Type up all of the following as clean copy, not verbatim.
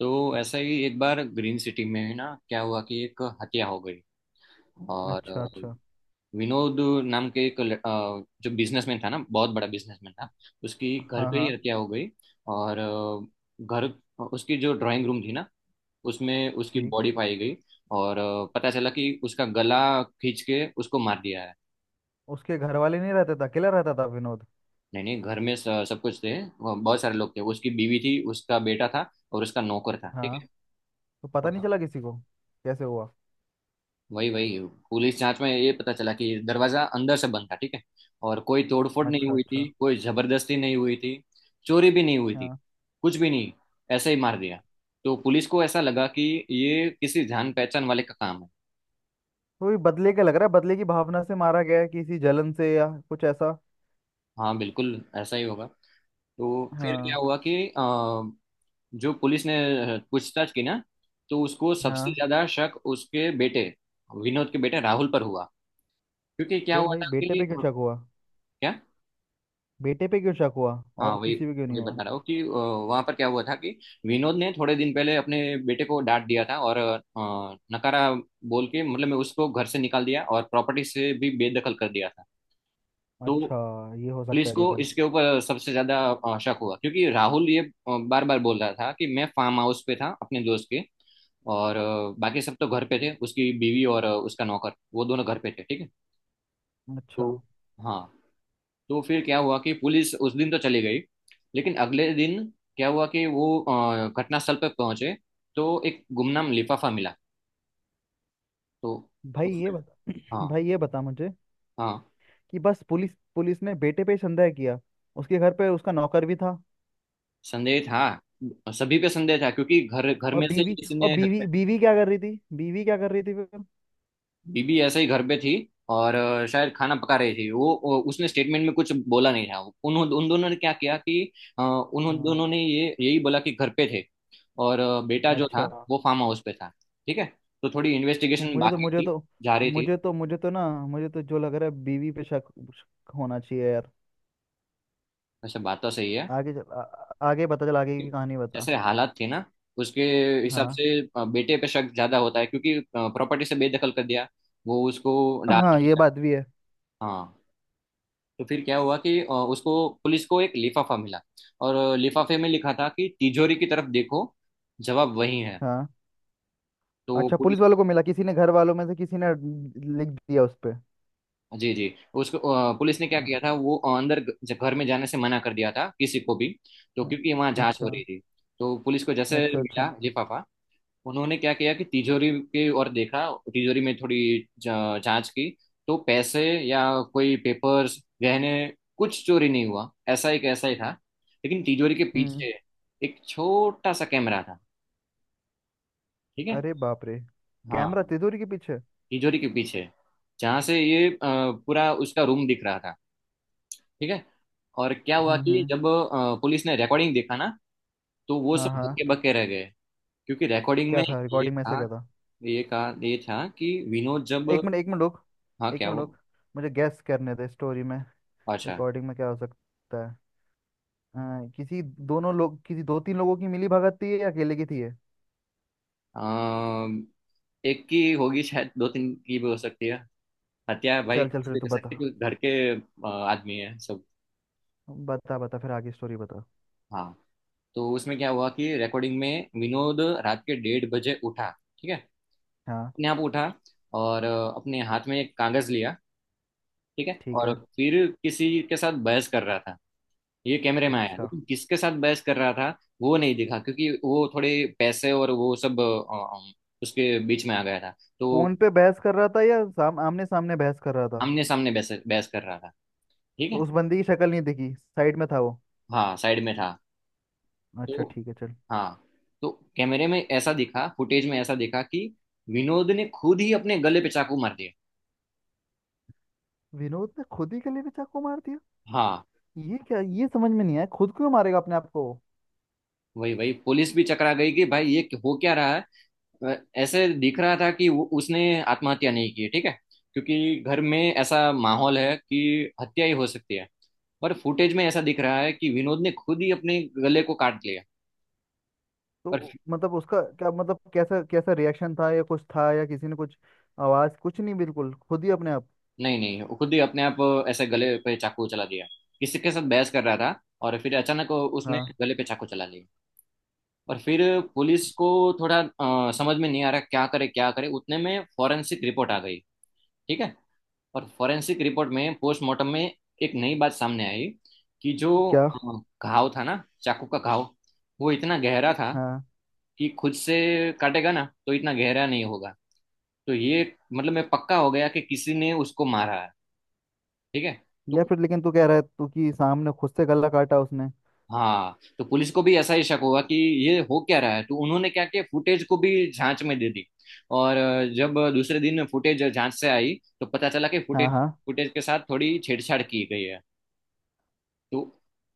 तो ऐसा ही एक बार ग्रीन सिटी में ना क्या हुआ कि एक हत्या हो गई और अच्छा अच्छा। विनोद नाम के एक जो बिजनेसमैन था ना बहुत बड़ा बिजनेसमैन था। उसकी घर हाँ पे ही हाँ। हत्या हो गई और घर उसकी जो ड्राइंग रूम थी ना उसमें उसकी ठीक। बॉडी पाई गई। और पता चला कि उसका गला खींच के उसको मार दिया है। उसके घर वाले नहीं रहते थे, अकेला रहता था विनोद। नहीं नहीं, घर में सब कुछ थे, वो बहुत सारे लोग थे, उसकी बीवी थी, उसका बेटा था और उसका नौकर था। ठीक हाँ। तो पता नहीं है। चला किसी को कैसे हुआ? वही वही पुलिस जांच में ये पता चला कि दरवाजा अंदर से बंद था, ठीक है। और कोई तोड़फोड़ नहीं अच्छा हुई थी, अच्छा। कोई जबरदस्ती नहीं हुई थी, चोरी भी नहीं हुई थी, हाँ, कुछ भी नहीं। ऐसे ही मार दिया। तो पुलिस को ऐसा लगा कि ये किसी जान पहचान वाले का काम है। तो ये बदले का लग रहा है, बदले की भावना से मारा गया है, किसी जलन से या कुछ ऐसा। हाँ बिल्कुल ऐसा ही होगा। तो फिर क्या हाँ हुआ कि जो पुलिस ने पूछताछ की ना, तो उसको सबसे हाँ। ज्यादा शक उसके बेटे, विनोद के बेटे राहुल पर हुआ। क्योंकि क्या क्यों हुआ भाई था बेटे कि पे क्यों क्या। शक हुआ? बेटे पे क्यों शक हुआ हाँ, और वही किसी पे क्यों नहीं वही हुआ? बता रहा हूँ कि वहां पर क्या हुआ था कि विनोद ने थोड़े दिन पहले अपने बेटे को डांट दिया था और नकारा बोल के मतलब मैं उसको घर से निकाल दिया और प्रॉपर्टी से भी बेदखल कर दिया था। तो अच्छा, ये हो सकता पुलिस है को रीजन। इसके ऊपर सबसे ज्यादा शक हुआ। क्योंकि राहुल ये बार बार बोल रहा था कि मैं फार्म हाउस पे था अपने दोस्त के। और बाकी सब तो घर पे थे, उसकी बीवी और उसका नौकर, वो दोनों घर पे थे, ठीक है। अच्छा, तो हाँ, तो फिर क्या हुआ कि पुलिस उस दिन तो चली गई, लेकिन अगले दिन क्या हुआ कि वो घटनास्थल पर पहुंचे तो एक गुमनाम लिफाफा मिला। तो भाई ये उसमें। बता हाँ भाई ये बता मुझे हाँ, कि बस पुलिस पुलिस ने बेटे पे ही संदेह किया। उसके घर पे उसका नौकर भी था। संदेह था, सभी पे संदेह था, क्योंकि घर घर में से किसी और ने हत्या। बीवी बीवी क्या कर रही थी? बीवी क्या कर रही थी फिर? बीबी ऐसे ही घर पे थी और शायद खाना पका रही थी वो उसने स्टेटमेंट में कुछ बोला नहीं था। उन उन दोनों ने क्या किया कि उन हाँ। दोनों ने ये यही बोला कि घर पे थे। और बेटा जो था, अच्छा। वो फार्म हाउस पे था, ठीक है। तो थोड़ी इन्वेस्टिगेशन मुझे तो बाकी मुझे थी, तो जा रही थी। मुझे तो ना, मुझे तो जो लग रहा है, बीवी पे शक होना चाहिए यार। वैसे बात तो सही है। आगे चल, आ, आ- आगे बता, चल आगे की कहानी बता। जैसे हालात थे ना उसके हिसाब हाँ। से, बेटे पे शक ज्यादा होता है, क्योंकि प्रॉपर्टी से बेदखल कर दिया, वो उसको डांट हाँ ये दिया। बात भी है। हाँ। तो फिर क्या हुआ कि उसको पुलिस को एक लिफाफा मिला। और लिफाफे में लिखा था कि तिजोरी की तरफ देखो, जवाब वही है। हाँ। तो अच्छा, पुलिस पुलिस ने। वालों को मिला, किसी ने घर वालों में से किसी ने लिख दिया उस पे। जी जी, उसको पुलिस ने क्या हाँ किया था, वो अंदर घर में जाने से मना कर दिया था किसी को भी, तो हाँ, क्योंकि वहाँ जांच हो अच्छा रही थी। तो पुलिस को जैसे अच्छा। मिला अच्छा। लिफाफा, उन्होंने क्या किया कि तिजोरी के और देखा। तिजोरी में थोड़ी जांच की। तो पैसे या कोई पेपर्स, गहने, कुछ चोरी नहीं हुआ, ऐसा ही कैसा ही था। लेकिन तिजोरी के हम्म। पीछे एक छोटा सा कैमरा था, ठीक है। अरे बाप रे। हाँ, कैमरा तिजोरी के पीछे? तिजोरी के पीछे, जहाँ से ये पूरा उसका रूम दिख रहा था, ठीक है। और क्या हुआ कि हम्म। जब पुलिस ने रिकॉर्डिंग देखा ना, तो वो हाँ सब हाँ, धक्के बक्के रह गए। क्योंकि रिकॉर्डिंग क्या में था ये रिकॉर्डिंग में, ऐसा था, क्या था? ये कहा ये था कि विनोद जब। एक मिनट रुक। हाँ एक क्या मिनट हुआ। रुक। मुझे गैस करने दे स्टोरी में। अच्छा। रिकॉर्डिंग में क्या हो सकता है? किसी, दोनों लोग, किसी दो तीन लोगों की मिली भगत थी या अकेले की थी ये? अम, एक की होगी, शायद दो तीन की भी हो सकती है। हत्या भाई चल चल कुछ फिर भी तू कर बता। सकते हैं, क्योंकि घर के आदमी है सब। बता बता फिर आगे स्टोरी बता। हाँ। तो उसमें क्या हुआ कि रिकॉर्डिंग में विनोद रात के 1:30 बजे उठा, ठीक है। हाँ अपने आप उठा, और अपने हाथ में एक कागज लिया, ठीक है। ठीक और है फिर किसी के साथ बहस कर रहा था, ये कैमरे में आया, अच्छा। लेकिन किसके साथ बहस कर रहा था वो नहीं दिखा। क्योंकि वो थोड़े पैसे और वो सब अ, उसके बीच में आ गया था। तो फोन पे बहस कर रहा था या आमने सामने बहस कर रहा था? आमने सामने बहस बहस कर रहा था, ठीक तो है। उस बंदी की शक्ल नहीं दिखी, साइड में था वो? हाँ, साइड में था। अच्छा तो ठीक है चल। हाँ, तो कैमरे में ऐसा दिखा, फुटेज में ऐसा दिखा कि विनोद ने खुद ही अपने गले पे चाकू मार दिया। विनोद ने खुद ही गले में चाकू मार दिया? हाँ, ये क्या, ये समझ में नहीं आया, खुद क्यों मारेगा अपने आप को? वही वही पुलिस भी चकरा गई कि भाई ये हो क्या रहा है। अ, ऐसे दिख रहा था कि वो उसने आत्महत्या नहीं की, ठीक है। क्योंकि घर में ऐसा माहौल है कि हत्या ही हो सकती है, पर फुटेज में ऐसा दिख रहा है कि विनोद ने खुद ही अपने गले को काट लिया। पर तो मतलब उसका क्या मतलब, कैसा कैसा रिएक्शन था या कुछ था या किसी ने कुछ, आवाज कुछ नहीं, बिल्कुल खुद ही अपने आप? नहीं नहीं, वो खुद ही अपने आप ऐसे गले पे चाकू चला दिया। किसी के साथ बहस कर रहा था, और फिर अचानक उसने हाँ गले पे चाकू चला लिया। और फिर पुलिस को थोड़ा समझ में नहीं आ रहा क्या करे क्या करे, उतने में फॉरेंसिक रिपोर्ट आ गई, ठीक है। और फॉरेंसिक रिपोर्ट में, पोस्टमार्टम में, एक नई बात सामने आई कि जो क्या घाव था ना, चाकू का घाव, वो इतना गहरा था हाँ? कि खुद से काटेगा ना तो इतना गहरा नहीं होगा। तो ये मतलब मैं पक्का हो गया कि किसी ने उसको मारा है, ठीक है। या तो फिर लेकिन तू कह रहा है तू कि सामने खुद से गला काटा उसने? हाँ, तो पुलिस को भी ऐसा ही शक हुआ कि ये हो क्या रहा है। तो उन्होंने क्या किया, फुटेज को भी जांच में दे दी। और जब दूसरे दिन फुटेज जांच से आई, तो पता चला कि हाँ फुटेज हाँ। फुटेज के साथ थोड़ी छेड़छाड़ की गई है। तो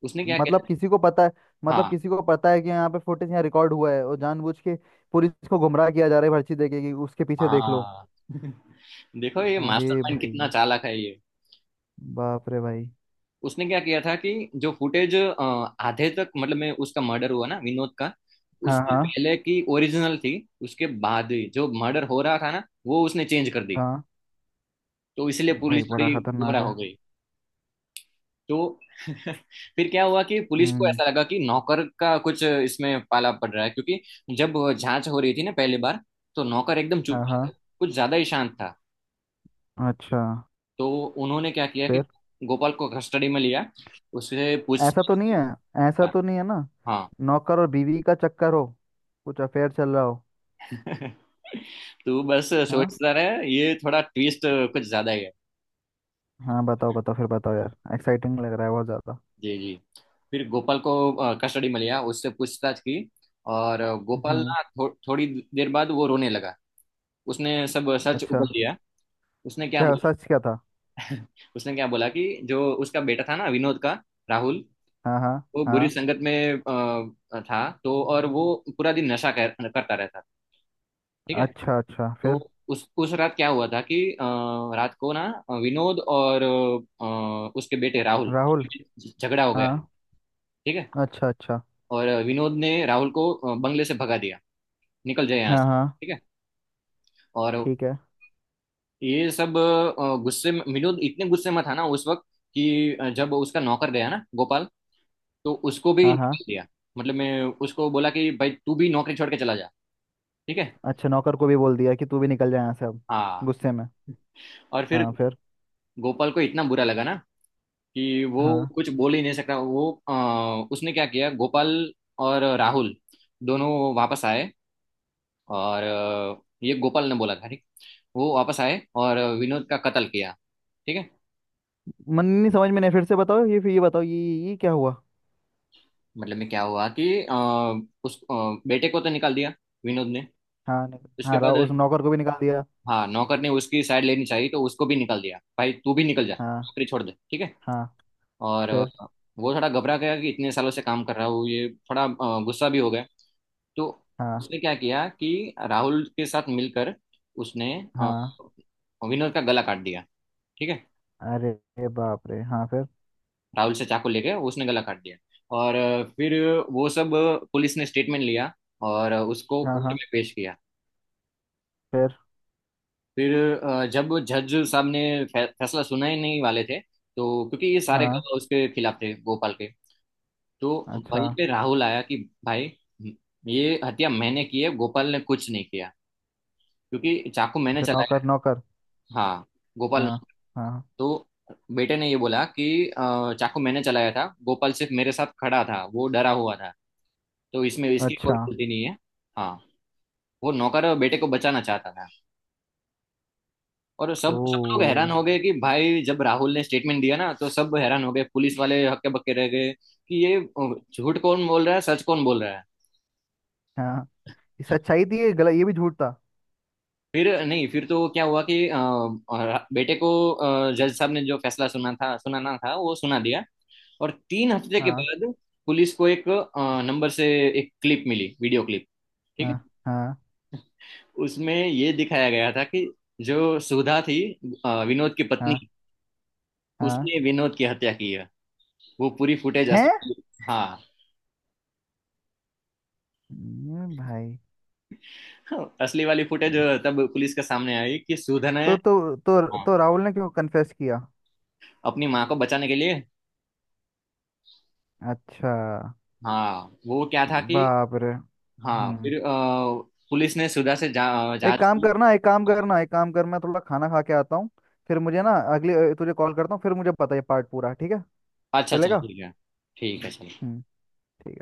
उसने क्या मतलब किया। किसी को पता है। मतलब हाँ किसी को पता है कि यहाँ पे फुटेज यहाँ रिकॉर्ड हुआ है, और जानबूझ के पुलिस को गुमराह किया जा रहा है पर्ची देके कि उसके पीछे देख लो? हाँ। देखो ये अरे मास्टरमाइंड भाई। कितना चालाक है ये। बाप रे भाई। उसने क्या किया था कि जो फुटेज आधे तक, मतलब मैं उसका मर्डर हुआ ना विनोद का, हाँ उससे हाँ पहले की ओरिजिनल थी, उसके बाद ही जो मर्डर हो रहा था ना, वो उसने चेंज कर दी। हाँ। तो इसलिए पुलिस भाई बड़ा थोड़ी खतरनाक गुमराह हो है। गई। तो फिर क्या हुआ कि पुलिस को हम्म। ऐसा लगा कि नौकर का कुछ इसमें पाला पड़ रहा है, क्योंकि जब जांच हो रही थी ना पहली बार, तो नौकर एकदम चुप हाँ था, हाँ। कुछ ज्यादा ही शांत था। अच्छा। तो उन्होंने क्या किया कि फिर? गोपाल को कस्टडी में लिया, उससे पूछ। ऐसा तो नहीं है? ऐसा तो नहीं है ना, हाँ। नौकर और बीवी का चक्कर हो, कुछ अफेयर चल रहा हो? तो बस हाँ। सोचता रहे ये, थोड़ा ट्विस्ट कुछ ज्यादा ही है। हाँ, बताओ बताओ फिर बताओ यार, एक्साइटिंग लग रहा है बहुत ज्यादा। जी जी। फिर गोपाल को कस्टडी में लिया, उससे पूछताछ की। और गोपाल हम्म। ना थोड़ी देर बाद वो रोने लगा, उसने सब सच अच्छा, उगल दिया। उसने क्या क्या सच, क्या था? बोला। उसने क्या बोला कि जो उसका बेटा था ना, विनोद का, राहुल, हाँ हाँ वो बुरी हाँ। संगत में था तो, और वो पूरा दिन नशा करता रहता था, ठीक है। अच्छा अच्छा। तो फिर? उस रात क्या हुआ था कि रात को ना विनोद और उसके बेटे राहुल राहुल। झगड़ा हो गया, हाँ। ठीक है। अच्छा अच्छा। और विनोद ने राहुल को बंगले से भगा दिया, निकल जाए यहाँ हाँ से, हाँ। ठीक है। और ठीक है। ये सब गुस्से में, विनोद इतने गुस्से में था ना उस वक्त, कि जब उसका नौकर गया ना गोपाल, तो उसको भी हाँ हाँ। निकल दिया। मतलब मैं उसको बोला कि भाई तू भी नौकरी छोड़ के चला जा, ठीक है। अच्छा, नौकर को भी बोल दिया कि तू भी निकल जाए यहाँ से अब, हाँ। गुस्से में? और फिर हाँ फिर? गोपाल को इतना बुरा लगा ना कि वो हाँ, कुछ बोल ही नहीं सकता वो उसने क्या किया, गोपाल और राहुल दोनों वापस आए, और ये गोपाल ने बोला था ठीक, वो वापस आए और विनोद का कत्ल किया, ठीक है। मन नहीं, समझ में नहीं, फिर से बताओ ये, फिर ये बताओ, ये क्या हुआ? मतलब में क्या हुआ कि अ, उस बेटे को तो निकाल दिया विनोद ने, उसके हाँ, बाद, राहुल उस नौकर को भी निकाल दिया। हाँ, नौकर ने उसकी साइड लेनी चाहिए तो उसको भी निकाल दिया, भाई तू भी निकल जा, हाँ। नौकरी छोड़ दे, ठीक है। हाँ और फिर? वो थोड़ा घबरा गया कि इतने सालों से काम कर रहा हूँ, ये थोड़ा गुस्सा भी हो गया। तो हाँ उसने क्या किया कि राहुल के साथ मिलकर उसने अ, हाँ। विनोद का गला काट दिया, ठीक है। अरे बाप रे, हाँ फिर? राहुल से चाकू लेके उसने गला काट दिया। और फिर वो सब, पुलिस ने स्टेटमेंट लिया और उसको हाँ कोर्ट हाँ। में पेश किया। फिर? फिर जब जज साहब ने फैसला सुनाए नहीं वाले थे, तो क्योंकि ये सारे हाँ। गवाह उसके खिलाफ थे, गोपाल के, तो अच्छा, वहीं पे राहुल आया कि भाई ये हत्या मैंने की है, गोपाल ने कुछ नहीं किया, क्योंकि चाकू मैंने अच्छा चलाया। नौकर नौकर। हाँ, गोपाल ने। हाँ हाँ। तो बेटे ने ये बोला कि चाकू मैंने चलाया था, गोपाल सिर्फ मेरे साथ खड़ा था, वो डरा हुआ था, तो इसमें इसकी कोई अच्छा। गलती नहीं है। हाँ। वो नौकर बेटे को बचाना चाहता था। और सब सब लोग ओ। हैरान हो गए कि भाई जब राहुल ने स्टेटमेंट दिया ना, तो सब हैरान हो गए, पुलिस वाले हक्के बक्के रह गए कि ये झूठ कौन बोल रहा है, सच कौन बोल रहा है। हाँ, ये सच्चाई थी, ये गलत, ये भी झूठ था। फिर नहीं, फिर तो क्या हुआ कि बेटे को जज साहब ने जो फैसला सुनाना था वो सुना दिया। और 3 हफ्ते के हाँ बाद पुलिस को एक नंबर से एक क्लिप मिली, वीडियो क्लिप, ठीक हाँ है। हाँ उसमें ये दिखाया गया था कि जो सुधा थी, विनोद की पत्नी, हाँ हाँ। उसने विनोद की हत्या की है, वो पूरी फुटेज असल। हैं? हाँ। ये भाई, हाँ, असली वाली फुटेज तब पुलिस के सामने आई कि सुधा ने। तो तो तो हाँ, तो राहुल ने क्यों कन्फेस किया? अपनी माँ को बचाने के लिए। अच्छा। हाँ वो क्या था कि। बाप रे। हाँ हम्म। फिर पुलिस ने सुधा से जांच की। हाँ, एक काम करना, थोड़ा खाना खा के आता हूँ। फिर मुझे ना अगले, तुझे कॉल करता हूँ फिर, मुझे पता है पार्ट पूरा। ठीक है? अच्छा अच्छा, चलेगा? ठीक है। ठीक है चलो। हम्म। ठीक है।